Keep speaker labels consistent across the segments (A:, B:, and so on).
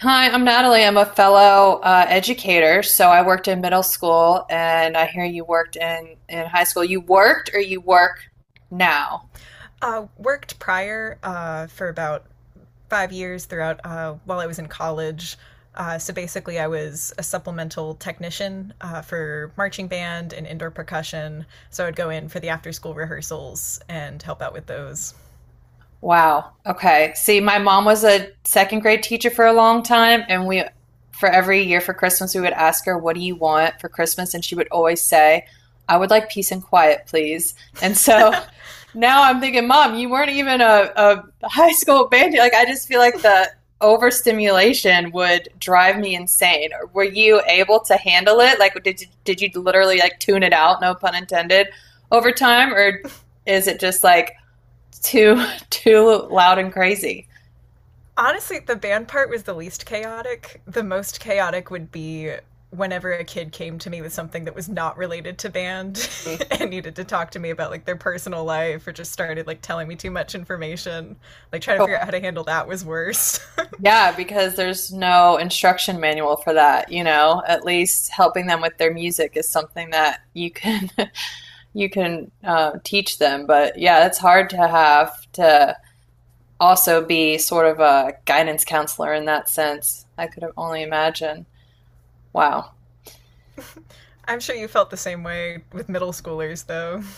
A: Hi, I'm Natalie. I'm a fellow educator, so I worked in middle school, and I hear you worked in high school. You worked or you work now?
B: Worked prior for about 5 years throughout while I was in college. So basically, I was a supplemental technician for marching band and indoor percussion. So I'd go in for the after school rehearsals and help out with those.
A: Wow. Okay. See, my mom was a second grade teacher for a long time, and for every year for Christmas, we would ask her, what do you want for Christmas? And she would always say, I would like peace and quiet, please. And so now I'm thinking, Mom, you weren't even a high school band. Like, I just feel like the overstimulation would drive me insane. Were you able to handle it? Like, did you literally like tune it out, no pun intended, over time, or is it just like, too too loud and crazy.
B: Honestly, the band part was the least chaotic. The most chaotic would be whenever a kid came to me with something that was not related to band and needed to talk to me about like their personal life or just started like telling me too much information. Like trying to figure out
A: Sure.
B: how to handle that was worse.
A: Yeah, because there's no instruction manual for that. At least helping them with their music is something that you can you can teach them. But yeah, it's hard to have to also be sort of a guidance counselor in that sense. I could only imagine. Wow.
B: I'm sure you felt the same way with middle schoolers though.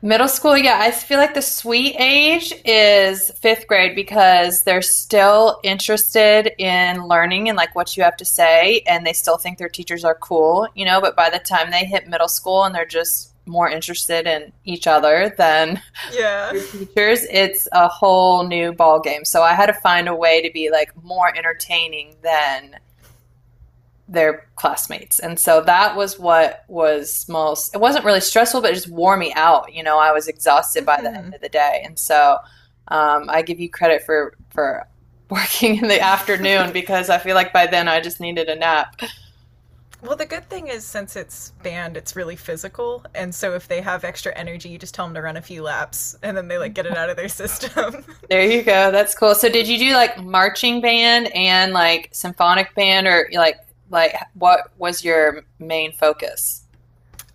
A: Middle school, yeah, I feel like the sweet age is fifth grade because they're still interested in learning and like what you have to say, and they still think their teachers are cool. But by the time they hit middle school and they're just more interested in each other than
B: Yeah.
A: your teachers, it's a whole new ball game. So I had to find a way to be like more entertaining than their classmates. And so that was what was most, it wasn't really stressful, but it just wore me out. You know, I was exhausted by the end
B: hmm
A: of the day. And so I give you credit for working in the afternoon because I feel like by then I just needed a nap.
B: Well, the good thing is since it's band, it's really physical, and so if they have extra energy, you just tell them to run a few laps and then they like get it out of their system.
A: There you go. That's cool. So did you do like marching band and like symphonic band or like what was your main focus?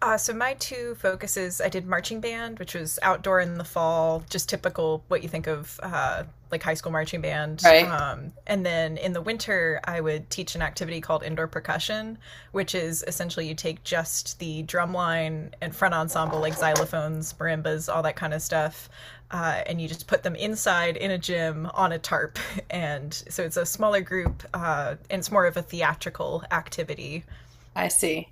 B: So my two focuses, I did marching band, which was outdoor in the fall, just typical what you think of like high school marching band.
A: Right.
B: And then in the winter, I would teach an activity called indoor percussion, which is essentially you take just the drum line and front ensemble, like xylophones, marimbas, all that kind of stuff, and you just put them inside in a gym on a tarp. And so it's a smaller group, and it's more of a theatrical activity.
A: I see.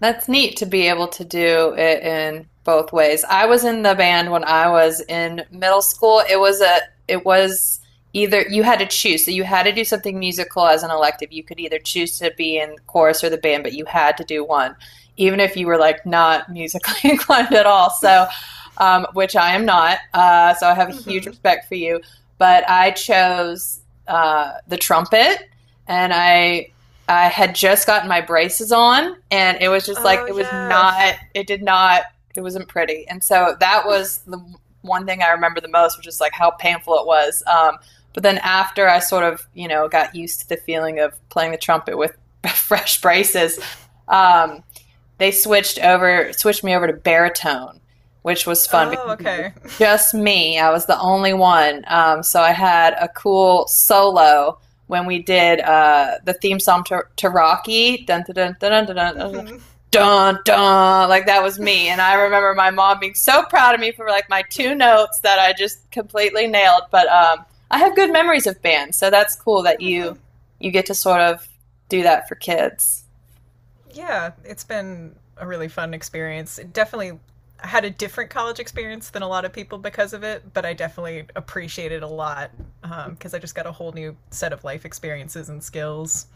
A: That's neat to be able to do it in both ways. I was in the band when I was in middle school. It was either you had to choose. So you had to do something musical as an elective. You could either choose to be in chorus or the band, but you had to do one, even if you were like not musically inclined at all. So, which I am not. So I have a huge
B: Mm-hmm.
A: respect for you. But I chose the trumpet and I had just gotten my braces on, and it was just like
B: Oh,
A: it was
B: yeah.
A: not. It did not. It wasn't pretty, and so that was the one thing I remember the most, which is like how painful it was. But then after I got used to the feeling of playing the trumpet with fresh braces, um, they switched me over to baritone, which was fun
B: Oh,
A: because it was
B: okay.
A: just me. I was the only one. So I had a cool solo when we did the theme song to Rocky. Dun, dun, dun, dun, dun, dun, dun, dun. Like that was me, and I remember my mom being so proud of me for like my two notes that I just completely nailed. But I have good memories of bands, so that's cool that you get to sort of do that for kids.
B: Yeah, it's been a really fun experience. It definitely I had a different college experience than a lot of people because of it, but I definitely appreciate it a lot because I just got a whole new set of life experiences and skills.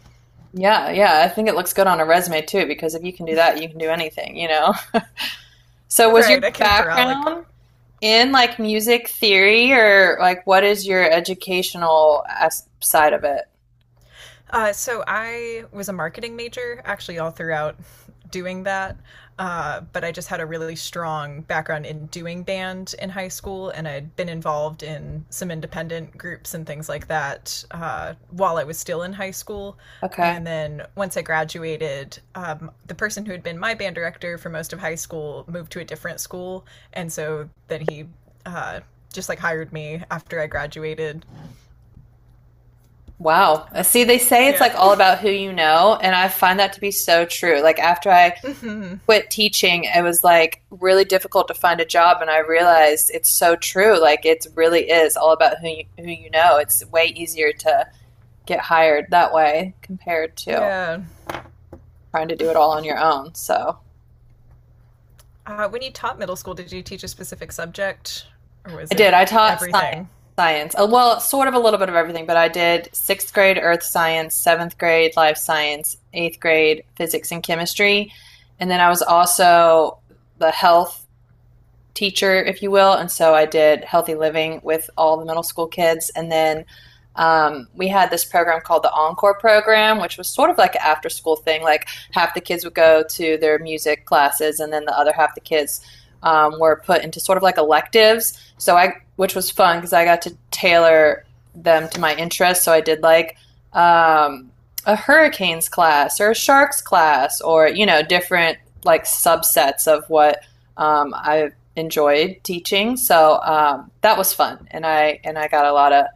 A: Yeah, yeah, I think it looks good on a resume too, because if you can do that, you can do anything, you know? So, was your
B: Right, I can corral like.
A: background in like music theory or like what is your educational as side of it?
B: So I was a marketing major actually all throughout doing that. But I just had a really strong background in doing band in high school, and I'd been involved in some independent groups and things like that while I was still in high school.
A: Okay.
B: And then once I graduated, the person who had been my band director for most of high school moved to a different school. And so then he uh, just like hired me after I graduated.
A: Wow. Uh,
B: Um,
A: See, they say it's
B: yeah.
A: like all about who you know, and I find that to be so true. Like after I quit teaching, it was like really difficult to find a job, and I realized it's so true. Like it really is all about who you know. It's way easier to get hired that way compared to
B: Yeah.
A: trying to do it all on your own. So
B: When you taught middle school, did you teach a specific subject or
A: I
B: was it
A: did. I taught science.
B: everything?
A: Science. Well, sort of a little bit of everything, but I did sixth grade earth science, seventh grade life science, eighth grade physics and chemistry. And then I was also the health teacher, if you will. And so I did healthy living with all the middle school kids. And then we had this program called the Encore program, which was sort of like an after school thing. Like half the kids would go to their music classes, and then the other half the kids were put into sort of like electives. Which was fun because I got to tailor them to my interests. So I did like um, a hurricanes class or a sharks class, or you know different like subsets of what I enjoyed teaching. So that was fun, and I got a lot of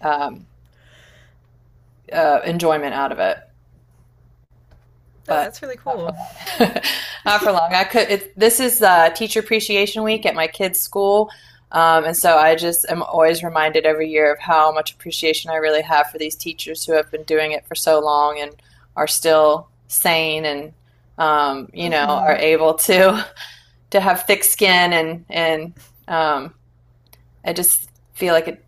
A: um, enjoyment out of it,
B: Oh,
A: but
B: that's really
A: not for
B: cool.
A: long. Not for long. I could. It, this is Teacher Appreciation Week at my kids' school. And so I just am always reminded every year of how much appreciation I really have for these teachers who have been doing it for so long and are still sane and you know are
B: Hmm.
A: able to to have thick skin and um, I just feel like it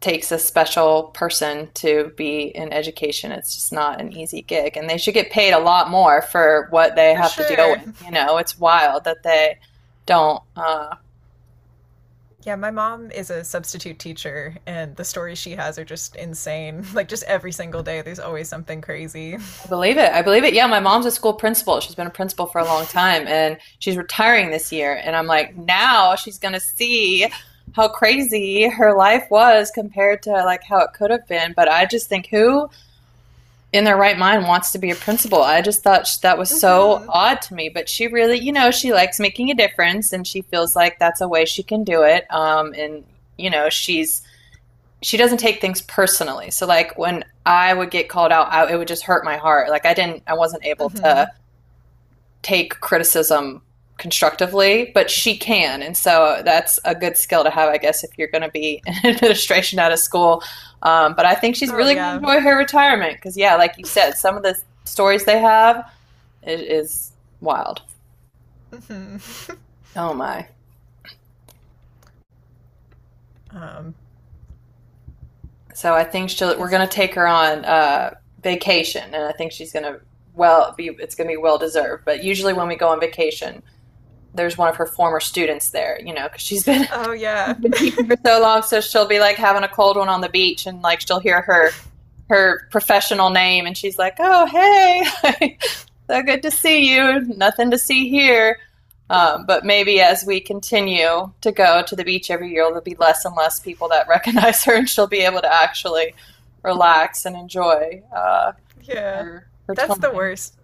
A: takes a special person to be in education. It's just not an easy gig, and they should get paid a lot more for what they
B: For
A: have to deal
B: sure.
A: with. You know, it's wild that they don't.
B: Yeah, my mom is a substitute teacher, and the stories she has are just insane. Like, just every single day, there's always something crazy.
A: I believe it. I believe it. Yeah, my mom's a school principal. She's been a principal for a long time, and she's retiring this year. And I'm like, now she's gonna see how crazy her life was compared to like how it could have been. But I just think who in their right mind wants to be a principal. I just thought that was so
B: Hmm.
A: odd to me, but she really, you know, she likes making a difference and she feels like that's a way she can do it. And you know, she doesn't take things personally. So like when I would get called out, it would just hurt my heart. I wasn't able to
B: Hmm.
A: take criticism constructively, but she can. And so that's a good skill to have, I guess, if you're going to be in administration out of school. But I think she's
B: Oh,
A: really going to
B: yeah.
A: enjoy her retirement because, yeah, like you said, some of the stories they have is wild.
B: Hmm.
A: Oh my!
B: um,
A: So I think she'll. We're
B: yes, sir.
A: going to take her on vacation, and I think she's going to well be. It's going to be well deserved. But usually when we go on vacation, there's one of her former students there, you know, because she's been
B: Oh,
A: she's
B: yeah.
A: been teaching for so long, so she'll be like having a cold one on the beach, and like she'll hear her professional name, and she's like, "Oh, hey, so good to see you. Nothing to see here." But maybe as we continue to go to the beach every year, there'll be less and less people that recognize her, and she'll be able to actually relax and enjoy
B: Yeah.
A: her
B: That's the
A: time.
B: worst.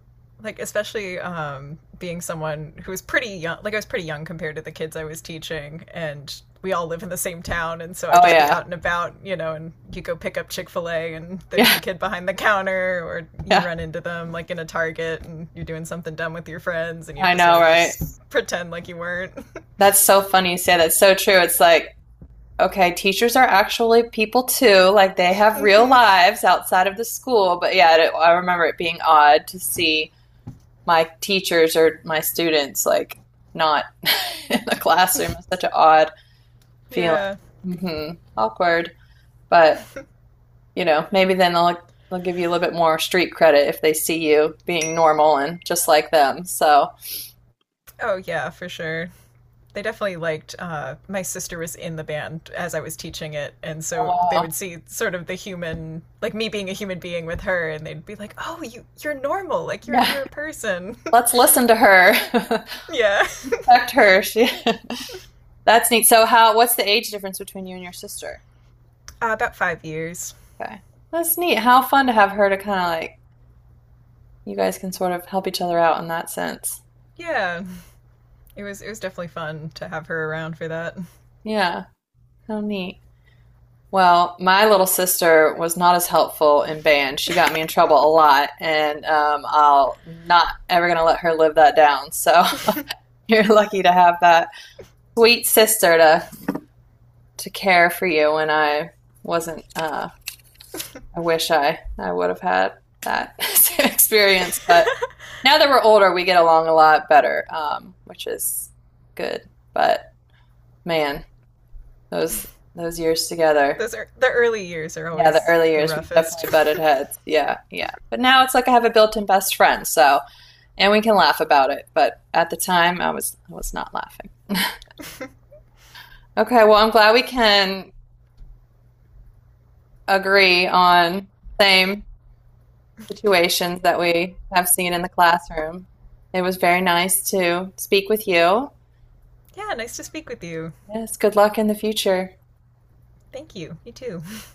B: Like especially being someone who was pretty young, like I was pretty young compared to the kids I was teaching, and we all live in the same town, and so I'd
A: Oh
B: just be
A: yeah,
B: out and about, you know, and you go pick up Chick-fil-A and there's
A: yeah,
B: the kid behind the counter, or
A: yeah.
B: you run into them like in a Target and you're doing something dumb with your friends and you have
A: I
B: to sort
A: know,
B: of
A: right?
B: just pretend like you weren't.
A: That's so funny you say that. It's so true. It's like okay, teachers are actually people too. Like they have real lives outside of the school. But yeah, I remember it being odd to see my teachers or my students like not in the classroom. It's such an odd feeling.
B: Yeah.
A: Hmm. Awkward. But you know, maybe then they'll give you a little bit more street credit if they see you being normal and just like them. So,
B: Oh yeah, for sure. They definitely liked, my sister was in the band as I was teaching it, and
A: oh,
B: so they
A: wow.
B: would see sort of the human, like me being a human being with her, and they'd be like, oh, you're normal, like you're
A: Yeah,
B: you're a person.
A: let's listen to her.
B: Yeah.
A: Respect her. She That's neat. So how what's the age difference between you and your sister?
B: About 5 years.
A: Okay. That's neat. How fun to have her to kind of like you guys can sort of help each other out in that sense.
B: Yeah, it was definitely fun to have her around for that.
A: Yeah, how neat. Well, my little sister was not as helpful in band. She got me in trouble a lot, and I'll not ever gonna let her live that down. So you're lucky to have that sweet sister to care for you when I wasn't. I wish I would have had that same experience, but now that we're older, we get along a lot better, which is good. But man, those those years together,
B: Those are the, early years are
A: yeah, the
B: always
A: early
B: the
A: years, we
B: roughest.
A: definitely butted heads. Yeah, yeah. But now it's like I have a built-in best friend, so and we can laugh about it. But at the time, I was not laughing. Okay, well, I'm glad we can agree on the same situations that we have seen in the classroom. It was very nice to speak with you.
B: Yeah, nice to speak with you.
A: Yes, good luck in the future.
B: Thank you, you too.